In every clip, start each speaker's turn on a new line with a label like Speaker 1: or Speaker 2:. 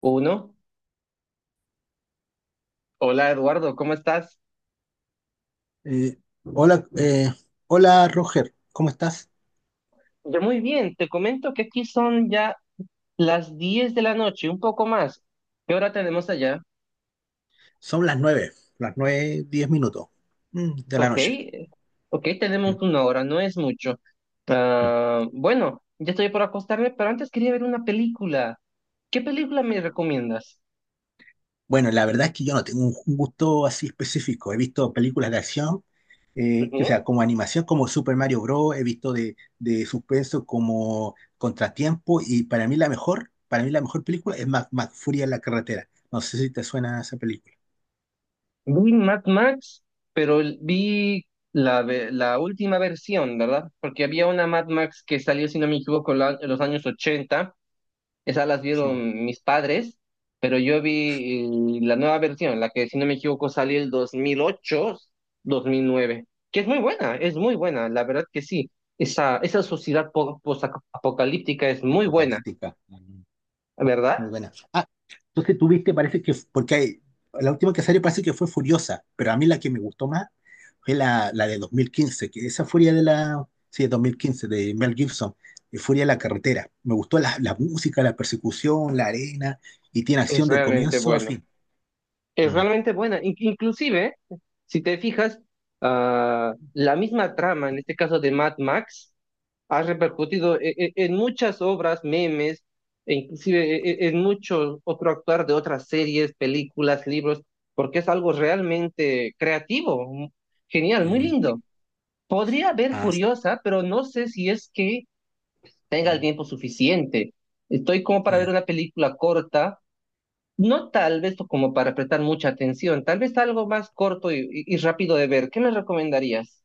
Speaker 1: Uno. Hola Eduardo, ¿cómo estás?
Speaker 2: Eh, hola, hola Roger, ¿cómo estás?
Speaker 1: Yo muy bien, te comento que aquí son ya las 10 de la noche, un poco más. ¿Qué hora tenemos allá?
Speaker 2: Son las nueve, diez minutos de la
Speaker 1: Ok,
Speaker 2: noche.
Speaker 1: ok, tenemos
Speaker 2: Mm,
Speaker 1: una hora, no es mucho.
Speaker 2: mm.
Speaker 1: Ah, bueno, ya estoy por acostarme, pero antes quería ver una película. ¿Qué película me recomiendas?
Speaker 2: Bueno, la verdad es que yo no tengo un gusto así específico. He visto películas de acción, que, o
Speaker 1: Ujú.
Speaker 2: sea, como animación, como Super Mario Bros. He visto de suspenso como Contratiempo, y para mí la mejor, para mí la mejor película es Mac, Furia en la carretera. No sé si te suena esa película.
Speaker 1: Vi Mad Max, pero vi la última versión, ¿verdad? Porque había una Mad Max que salió, si no me equivoco, en los años 80. Esas las
Speaker 2: Sí,
Speaker 1: vieron mis padres, pero yo vi la nueva versión, la que si no me equivoco salió el dos mil ocho 2009, que es muy buena, la verdad que sí. Esa sociedad post-apocalíptica es muy buena,
Speaker 2: apocalíptica. Muy
Speaker 1: ¿verdad?
Speaker 2: buena. Ah, entonces tuviste, parece que, porque la última que salió parece que fue Furiosa, pero a mí la que me gustó más fue la de 2015, que esa Furia de la, sí, de 2015, de Mel Gibson, de Furia de la Carretera. Me gustó la música, la persecución, la arena, y tiene
Speaker 1: Es
Speaker 2: acción de
Speaker 1: realmente
Speaker 2: comienzo a
Speaker 1: bueno.
Speaker 2: fin.
Speaker 1: Es
Speaker 2: Mm,
Speaker 1: realmente buena. Inclusive, si te fijas, la misma trama, en este caso de Mad Max, ha repercutido en muchas obras, memes, e inclusive en mucho otro actuar de otras series, películas, libros, porque es algo realmente creativo, genial, muy
Speaker 2: mm.
Speaker 1: lindo. Podría ver
Speaker 2: Ah, sí,
Speaker 1: Furiosa, pero no sé si es que tenga el
Speaker 2: mm,
Speaker 1: tiempo suficiente. Estoy como
Speaker 2: sí,
Speaker 1: para ver una película corta, no tal vez como para prestar mucha atención, tal vez algo más corto y, y rápido de ver. ¿Qué me recomendarías?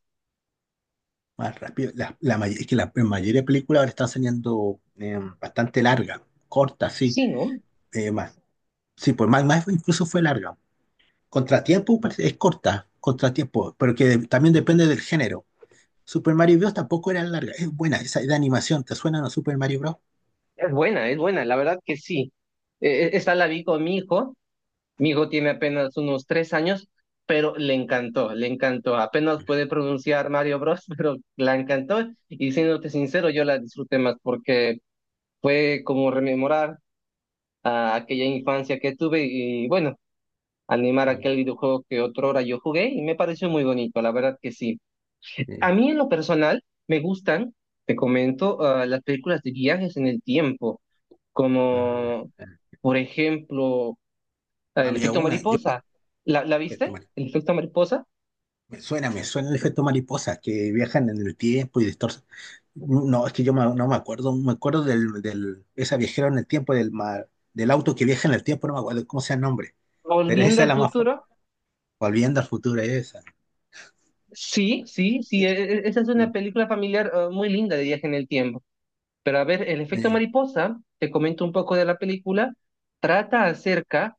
Speaker 2: más rápido. Es que la mayoría de películas ahora están saliendo bastante larga, corta, sí,
Speaker 1: Sí, ¿no?
Speaker 2: más. Sí, pues más, más incluso fue larga. Contratiempo pues, es corta, contratiempo, pero que también depende del género. Super Mario Bros. Tampoco era larga, es buena esa de animación, ¿te suena a Super Mario Bros?
Speaker 1: Es buena, la verdad que sí. Esa la vi con mi hijo tiene apenas unos 3 años, pero le encantó, le encantó. Apenas puede pronunciar Mario Bros, pero la encantó. Y siéndote sincero, yo la disfruté más porque fue como rememorar a aquella infancia que tuve y, bueno, animar
Speaker 2: Mm,
Speaker 1: aquel videojuego que otrora yo jugué y me pareció muy bonito, la verdad que sí. A
Speaker 2: eh,
Speaker 1: mí en lo personal me gustan, te comento, las películas de viajes en el tiempo,
Speaker 2: Mm,
Speaker 1: como
Speaker 2: eh.
Speaker 1: por ejemplo el
Speaker 2: Había
Speaker 1: efecto
Speaker 2: una, yo,
Speaker 1: mariposa. ¿La
Speaker 2: efecto
Speaker 1: viste?
Speaker 2: mari-
Speaker 1: ¿El efecto mariposa?
Speaker 2: me suena el efecto mariposa, que viajan en el tiempo y distorsionan. No, es que yo no me acuerdo, me acuerdo del esa viajera en el tiempo, del auto que viaja en el tiempo, no me acuerdo cómo sea el nombre, pero
Speaker 1: Volviendo
Speaker 2: esa es
Speaker 1: al
Speaker 2: la más famosa,
Speaker 1: futuro.
Speaker 2: Volviendo al futuro, esa.
Speaker 1: Sí, sí, sí, esa es
Speaker 2: mm,
Speaker 1: una película familiar, muy linda de viaje en el tiempo. Pero, a ver, el efecto
Speaker 2: Eh,
Speaker 1: mariposa, te comento un poco de la película, trata acerca,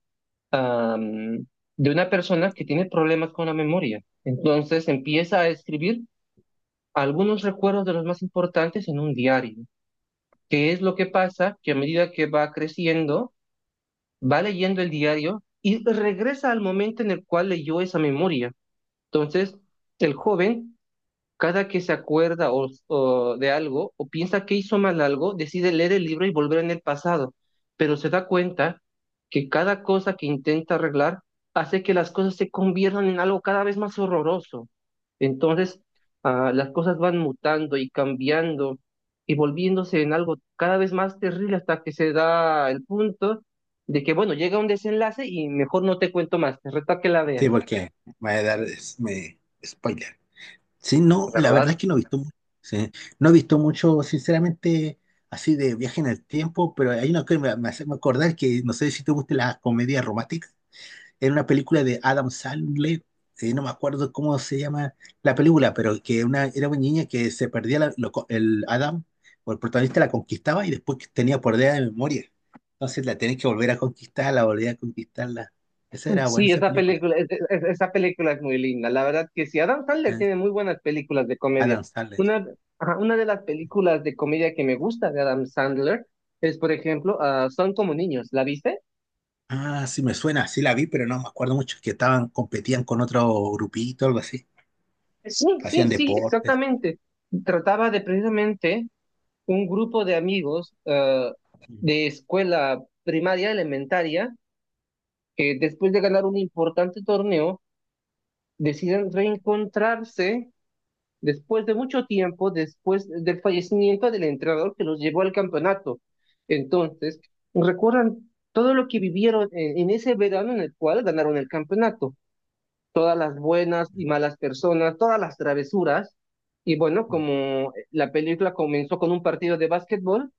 Speaker 1: am, de una persona que tiene problemas con la memoria. Entonces empieza a escribir algunos recuerdos de los más importantes en un diario. ¿Qué es lo que pasa? Que a medida que va creciendo, va leyendo el diario y regresa al momento en el cual leyó esa memoria. Entonces, el joven, cada que se acuerda o de algo, o piensa que hizo mal algo, decide leer el libro y volver en el pasado, pero se da cuenta que cada cosa que intenta arreglar hace que las cosas se conviertan en algo cada vez más horroroso. Entonces, las cosas van mutando y cambiando y volviéndose en algo cada vez más terrible, hasta que se da el punto de que, bueno, llega un desenlace y mejor no te cuento más, te reto a que la veas,
Speaker 2: sí, porque me va a dar spoiler. Sí, no, la verdad es
Speaker 1: ¿verdad?
Speaker 2: que no he visto, sí, no he visto mucho, sinceramente, así de viaje en el tiempo, pero hay una que me hace acordar que no sé si te gustan las comedias románticas. Era una película de Adam Sandler, no me acuerdo cómo se llama la película, pero que una, era una niña que se perdía el Adam, o el protagonista la conquistaba, y después que tenía pérdida de memoria. Entonces la tenés que volver a conquistar, la volver a conquistarla. Esa era buena
Speaker 1: Sí,
Speaker 2: esa
Speaker 1: esa
Speaker 2: película,
Speaker 1: película, esa película es muy linda. La verdad que sí, Adam Sandler
Speaker 2: eh,
Speaker 1: tiene muy buenas películas de comedia.
Speaker 2: Adam Sandler.
Speaker 1: Una, ajá, una de las películas de comedia que me gusta de Adam Sandler es, por ejemplo, Son como niños. ¿La viste?
Speaker 2: Ah, sí me suena, sí la vi, pero no me acuerdo mucho, que estaban, competían con otro grupito, algo así,
Speaker 1: Sí, sí,
Speaker 2: hacían
Speaker 1: sí,
Speaker 2: deportes.
Speaker 1: exactamente. Trataba de, precisamente, un grupo de amigos, de escuela primaria elementaria, que después de ganar un importante torneo deciden reencontrarse después de mucho tiempo, después del fallecimiento del entrenador que los llevó al campeonato. Entonces, recuerdan todo lo que vivieron en, ese verano en el cual ganaron el campeonato, todas las buenas y malas personas, todas las travesuras. Y bueno, como la película comenzó con un partido de básquetbol,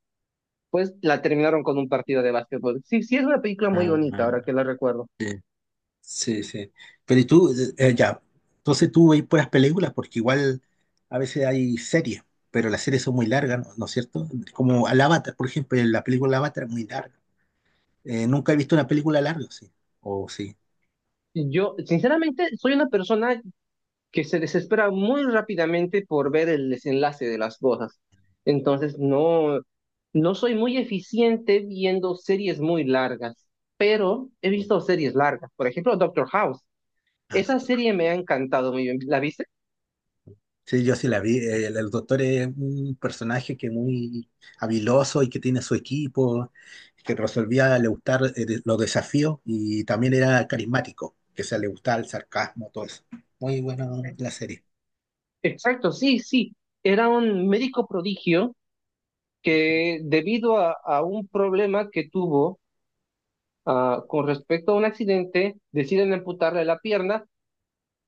Speaker 1: pues la terminaron con un partido de básquetbol. Sí, sí, es una película muy
Speaker 2: Ah,
Speaker 1: bonita,
Speaker 2: ah,
Speaker 1: ahora que la recuerdo.
Speaker 2: sí, sí, sí. Pero y tú, ya, entonces tú veis puras películas, porque igual a veces hay series, pero las series son muy largas, ¿no es cierto? Como al Avatar, por ejemplo, la película Avatar es muy larga. Nunca he visto una película larga, sí. O sí.
Speaker 1: Yo, sinceramente, soy una persona que se desespera muy rápidamente por ver el desenlace de las cosas. Entonces, no, no soy muy eficiente viendo series muy largas, pero he visto series largas. Por ejemplo, Doctor House.
Speaker 2: Ah,
Speaker 1: Esa serie me ha encantado muy bien. ¿La viste?
Speaker 2: sí, yo sí la vi. El doctor es un personaje que muy habiloso, y que tiene su equipo, que resolvía le gustar los desafíos, y también era carismático, que se le gustaba el sarcasmo, todo eso. Muy buena
Speaker 1: Sí.
Speaker 2: la serie.
Speaker 1: Exacto, sí, sí. Era un médico prodigio que, debido a un problema que tuvo con respecto a un accidente, deciden amputarle la pierna.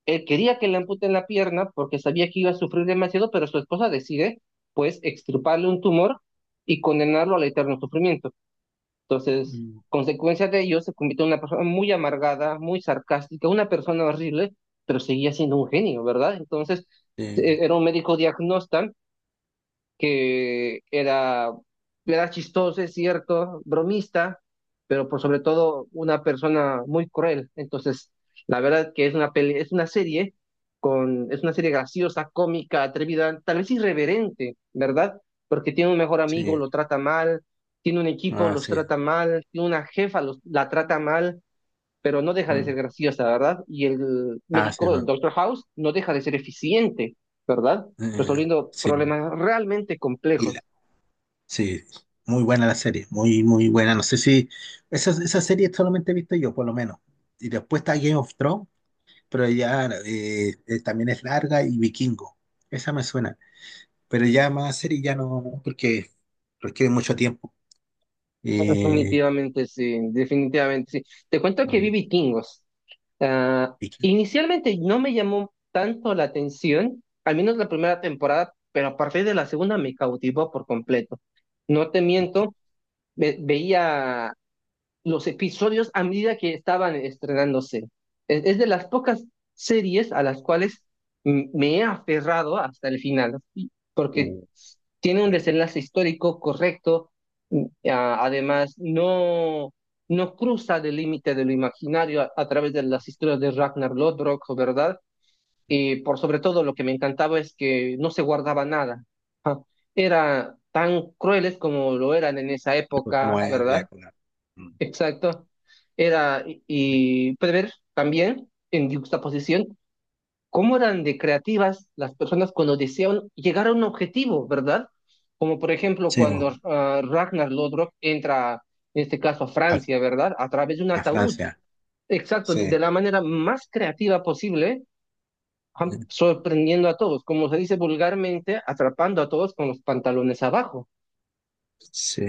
Speaker 1: Él quería que le amputen la pierna porque sabía que iba a sufrir demasiado, pero su esposa decide, pues, extirparle un tumor y condenarlo al eterno sufrimiento. Entonces,
Speaker 2: Mm,
Speaker 1: consecuencia de ello, se convirtió en una persona muy amargada, muy sarcástica, una persona horrible, pero seguía siendo un genio, ¿verdad? Entonces,
Speaker 2: sí,
Speaker 1: era un médico diagnóstico que era, chistoso, es cierto, bromista, pero por sobre todo una persona muy cruel. Entonces, la verdad que es una serie es una serie graciosa, cómica, atrevida, tal vez irreverente, ¿verdad? Porque tiene un mejor amigo,
Speaker 2: sí.
Speaker 1: lo trata mal, tiene un equipo,
Speaker 2: Ah,
Speaker 1: los
Speaker 2: sí.
Speaker 1: trata mal, tiene una jefa, la trata mal, pero no deja de ser
Speaker 2: Mm.
Speaker 1: graciosa, ¿verdad? Y el
Speaker 2: Ah, sí,
Speaker 1: médico,
Speaker 2: va.
Speaker 1: el Doctor House, no deja de ser eficiente, ¿verdad? Resolviendo
Speaker 2: Sí.
Speaker 1: problemas realmente
Speaker 2: Y la-
Speaker 1: complejos.
Speaker 2: sí, muy buena la serie, muy, muy buena. No sé si esa, esa serie solamente he visto yo, por lo menos. Y después está Game of Thrones. Pero ya también es larga, y Vikingo. Esa me suena. Pero ya más serie ya no, no, porque requiere mucho tiempo.
Speaker 1: Bueno,
Speaker 2: Eh,
Speaker 1: definitivamente sí, definitivamente sí. Te cuento que
Speaker 2: mm,
Speaker 1: vi Vikingos. Ah,
Speaker 2: Viking-
Speaker 1: inicialmente no me llamó tanto la atención, al menos la primera temporada, pero a partir de la segunda me cautivó por completo. No te
Speaker 2: Viking-
Speaker 1: miento, veía los episodios a medida que estaban estrenándose. Es de las pocas series a las cuales me he aferrado hasta el final, porque
Speaker 2: uh,
Speaker 1: tiene un
Speaker 2: bueno,
Speaker 1: desenlace histórico correcto, además, no, no cruza del límite de lo imaginario a través de las historias de Ragnar Lodbrok, ¿verdad? Y por sobre todo lo que me encantaba es que no se guardaba nada. Era tan crueles como lo eran en esa
Speaker 2: fue como
Speaker 1: época,
Speaker 2: es la
Speaker 1: ¿verdad?
Speaker 2: época. Mm.
Speaker 1: Exacto. Era, y prever también en juxtaposición cómo eran de creativas las personas cuando deseaban llegar a un objetivo, ¿verdad? Como por ejemplo
Speaker 2: Sí,
Speaker 1: cuando,
Speaker 2: bo,
Speaker 1: Ragnar Lodbrok entra, en este caso, a
Speaker 2: a,
Speaker 1: Francia, ¿verdad? A través de un
Speaker 2: a
Speaker 1: ataúd.
Speaker 2: Francia.
Speaker 1: Exacto, de
Speaker 2: Sí,
Speaker 1: la manera más creativa posible,
Speaker 2: mm,
Speaker 1: sorprendiendo a todos, como se dice vulgarmente, atrapando a todos con los pantalones abajo.
Speaker 2: sí,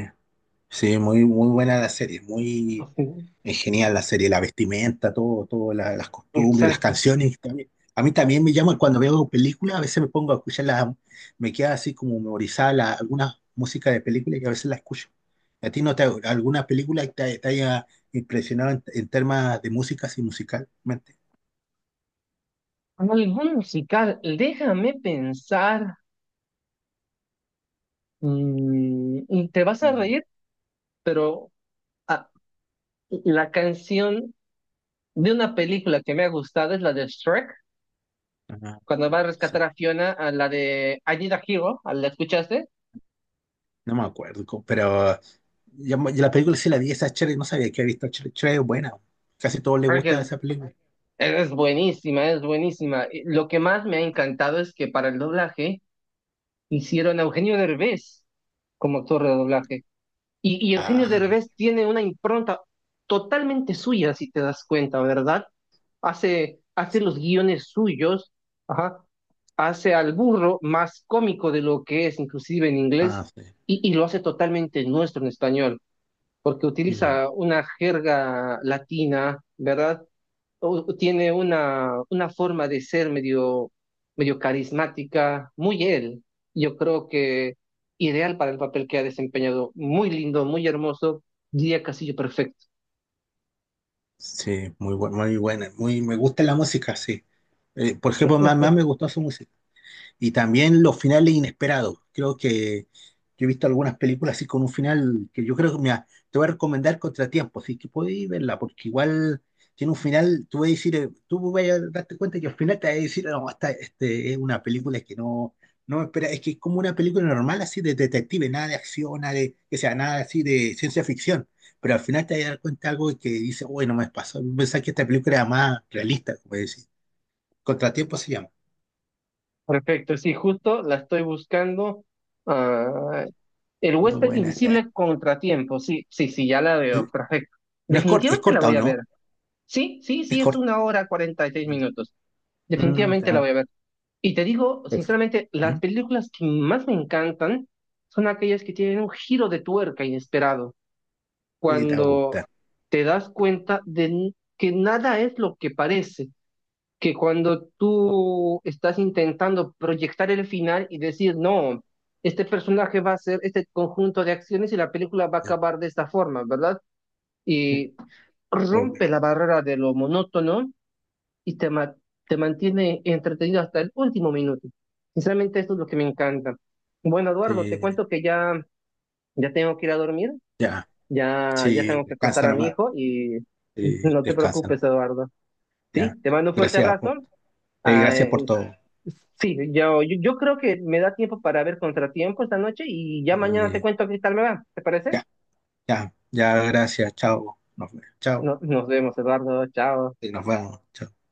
Speaker 2: sí, muy, muy buena la serie. Muy,
Speaker 1: Ujú.
Speaker 2: es genial la serie, la vestimenta, todo, las costumbres, las
Speaker 1: Exacto.
Speaker 2: canciones. También. A mí también me llama cuando veo películas, a veces me pongo a escucharlas, me queda así como memorizada alguna música de película y a veces la escucho. ¿A ti no te alguna película que te haya impresionado en temas de música, así musicalmente?
Speaker 1: ¿Algún musical? Déjame pensar. Y te vas a
Speaker 2: Mm,
Speaker 1: reír, pero, ah, la canción de una película que me ha gustado es la de Shrek,
Speaker 2: ajá.
Speaker 1: cuando va a
Speaker 2: Sí,
Speaker 1: rescatar a Fiona, a la de I Need a Hero. ¿A ¿La escuchaste?
Speaker 2: no me acuerdo, pero ya la película sí la vi, esa Cher, no sabía que había visto Cher, Cher es buena, casi todos les
Speaker 1: Shrek
Speaker 2: gusta
Speaker 1: es,
Speaker 2: esa película.
Speaker 1: es buenísima, es buenísima. Y lo que más me ha encantado es que para el doblaje hicieron a Eugenio Derbez como actor de doblaje. Y Eugenio
Speaker 2: Ah,
Speaker 1: Derbez tiene una impronta totalmente suya, si te das cuenta, ¿verdad? Hace los guiones suyos, ajá, hace al burro más cómico de lo que es, inclusive en
Speaker 2: ah,
Speaker 1: inglés,
Speaker 2: sí.
Speaker 1: y lo hace totalmente nuestro en español, porque
Speaker 2: Mm.
Speaker 1: utiliza una jerga latina, ¿verdad? Tiene una, forma de ser medio, medio carismática, muy él. Yo creo que ideal para el papel que ha desempeñado. Muy lindo, muy hermoso, diría, Castillo perfecto.
Speaker 2: Sí, muy buena, muy buena. Muy, me gusta la música, sí. Por ejemplo, más, más me gustó su música. Y también los finales inesperados. Creo que yo he visto algunas películas así con un final que yo creo que, mira, te voy a recomendar Contratiempo, así que podéis verla, porque igual tiene un final, tú vas a decir, tú vas a darte cuenta que al final te vas a decir, no, esta este, es una película que no, no me espera, es que es como una película normal así de detective, nada de acción, nada de, que sea nada así de ciencia ficción, pero al final te vas a dar cuenta de algo que dice, uy, no me pasó, pensaba que esta película era más realista, como decir. Contratiempo se llama.
Speaker 1: Perfecto, sí, justo la estoy buscando. Ah, el
Speaker 2: Muy
Speaker 1: huésped
Speaker 2: buena esta.
Speaker 1: invisible, contratiempo, sí, sí, sí, ya la
Speaker 2: ¿Eh?
Speaker 1: veo, perfecto.
Speaker 2: No es corta, es
Speaker 1: Definitivamente la
Speaker 2: corta o
Speaker 1: voy a ver.
Speaker 2: no,
Speaker 1: Sí, sí,
Speaker 2: es
Speaker 1: sí, es
Speaker 2: corta.
Speaker 1: una hora 46 minutos.
Speaker 2: Mm,
Speaker 1: Definitivamente la
Speaker 2: está
Speaker 1: voy a ver. Y te digo,
Speaker 2: perfecto.
Speaker 1: sinceramente, las
Speaker 2: Mm,
Speaker 1: películas que más me encantan son aquellas que tienen un giro de tuerca inesperado,
Speaker 2: sí, está
Speaker 1: cuando
Speaker 2: gusta.
Speaker 1: te das cuenta de que nada es lo que parece, que cuando tú estás intentando proyectar el final y decir, no, este personaje va a hacer este conjunto de acciones y la película va a acabar de esta forma, ¿verdad? Y rompe la barrera de lo monótono y te, te mantiene entretenido hasta el último minuto. Sinceramente, eso es lo que me encanta. Bueno, Eduardo, te cuento que ya, ya tengo que ir a dormir,
Speaker 2: Ya,
Speaker 1: ya, ya
Speaker 2: sí,
Speaker 1: tengo que acostar
Speaker 2: descansa
Speaker 1: a mi
Speaker 2: nomás.
Speaker 1: hijo y
Speaker 2: Sí,
Speaker 1: no te
Speaker 2: descansa
Speaker 1: preocupes,
Speaker 2: nomás.
Speaker 1: Eduardo.
Speaker 2: Ya.
Speaker 1: Sí, te mando un fuerte
Speaker 2: Gracias por,
Speaker 1: abrazo. Ah,
Speaker 2: gracias por todo.
Speaker 1: sí, yo creo que me da tiempo para ver Contratiempo esta noche y ya mañana te
Speaker 2: Eh,
Speaker 1: cuento qué tal me va. ¿Te parece?
Speaker 2: ya, ya, ya, gracias. Chao. Nos, chao.
Speaker 1: Nos vemos, Eduardo. Chao.
Speaker 2: Y nos vemos. Chao.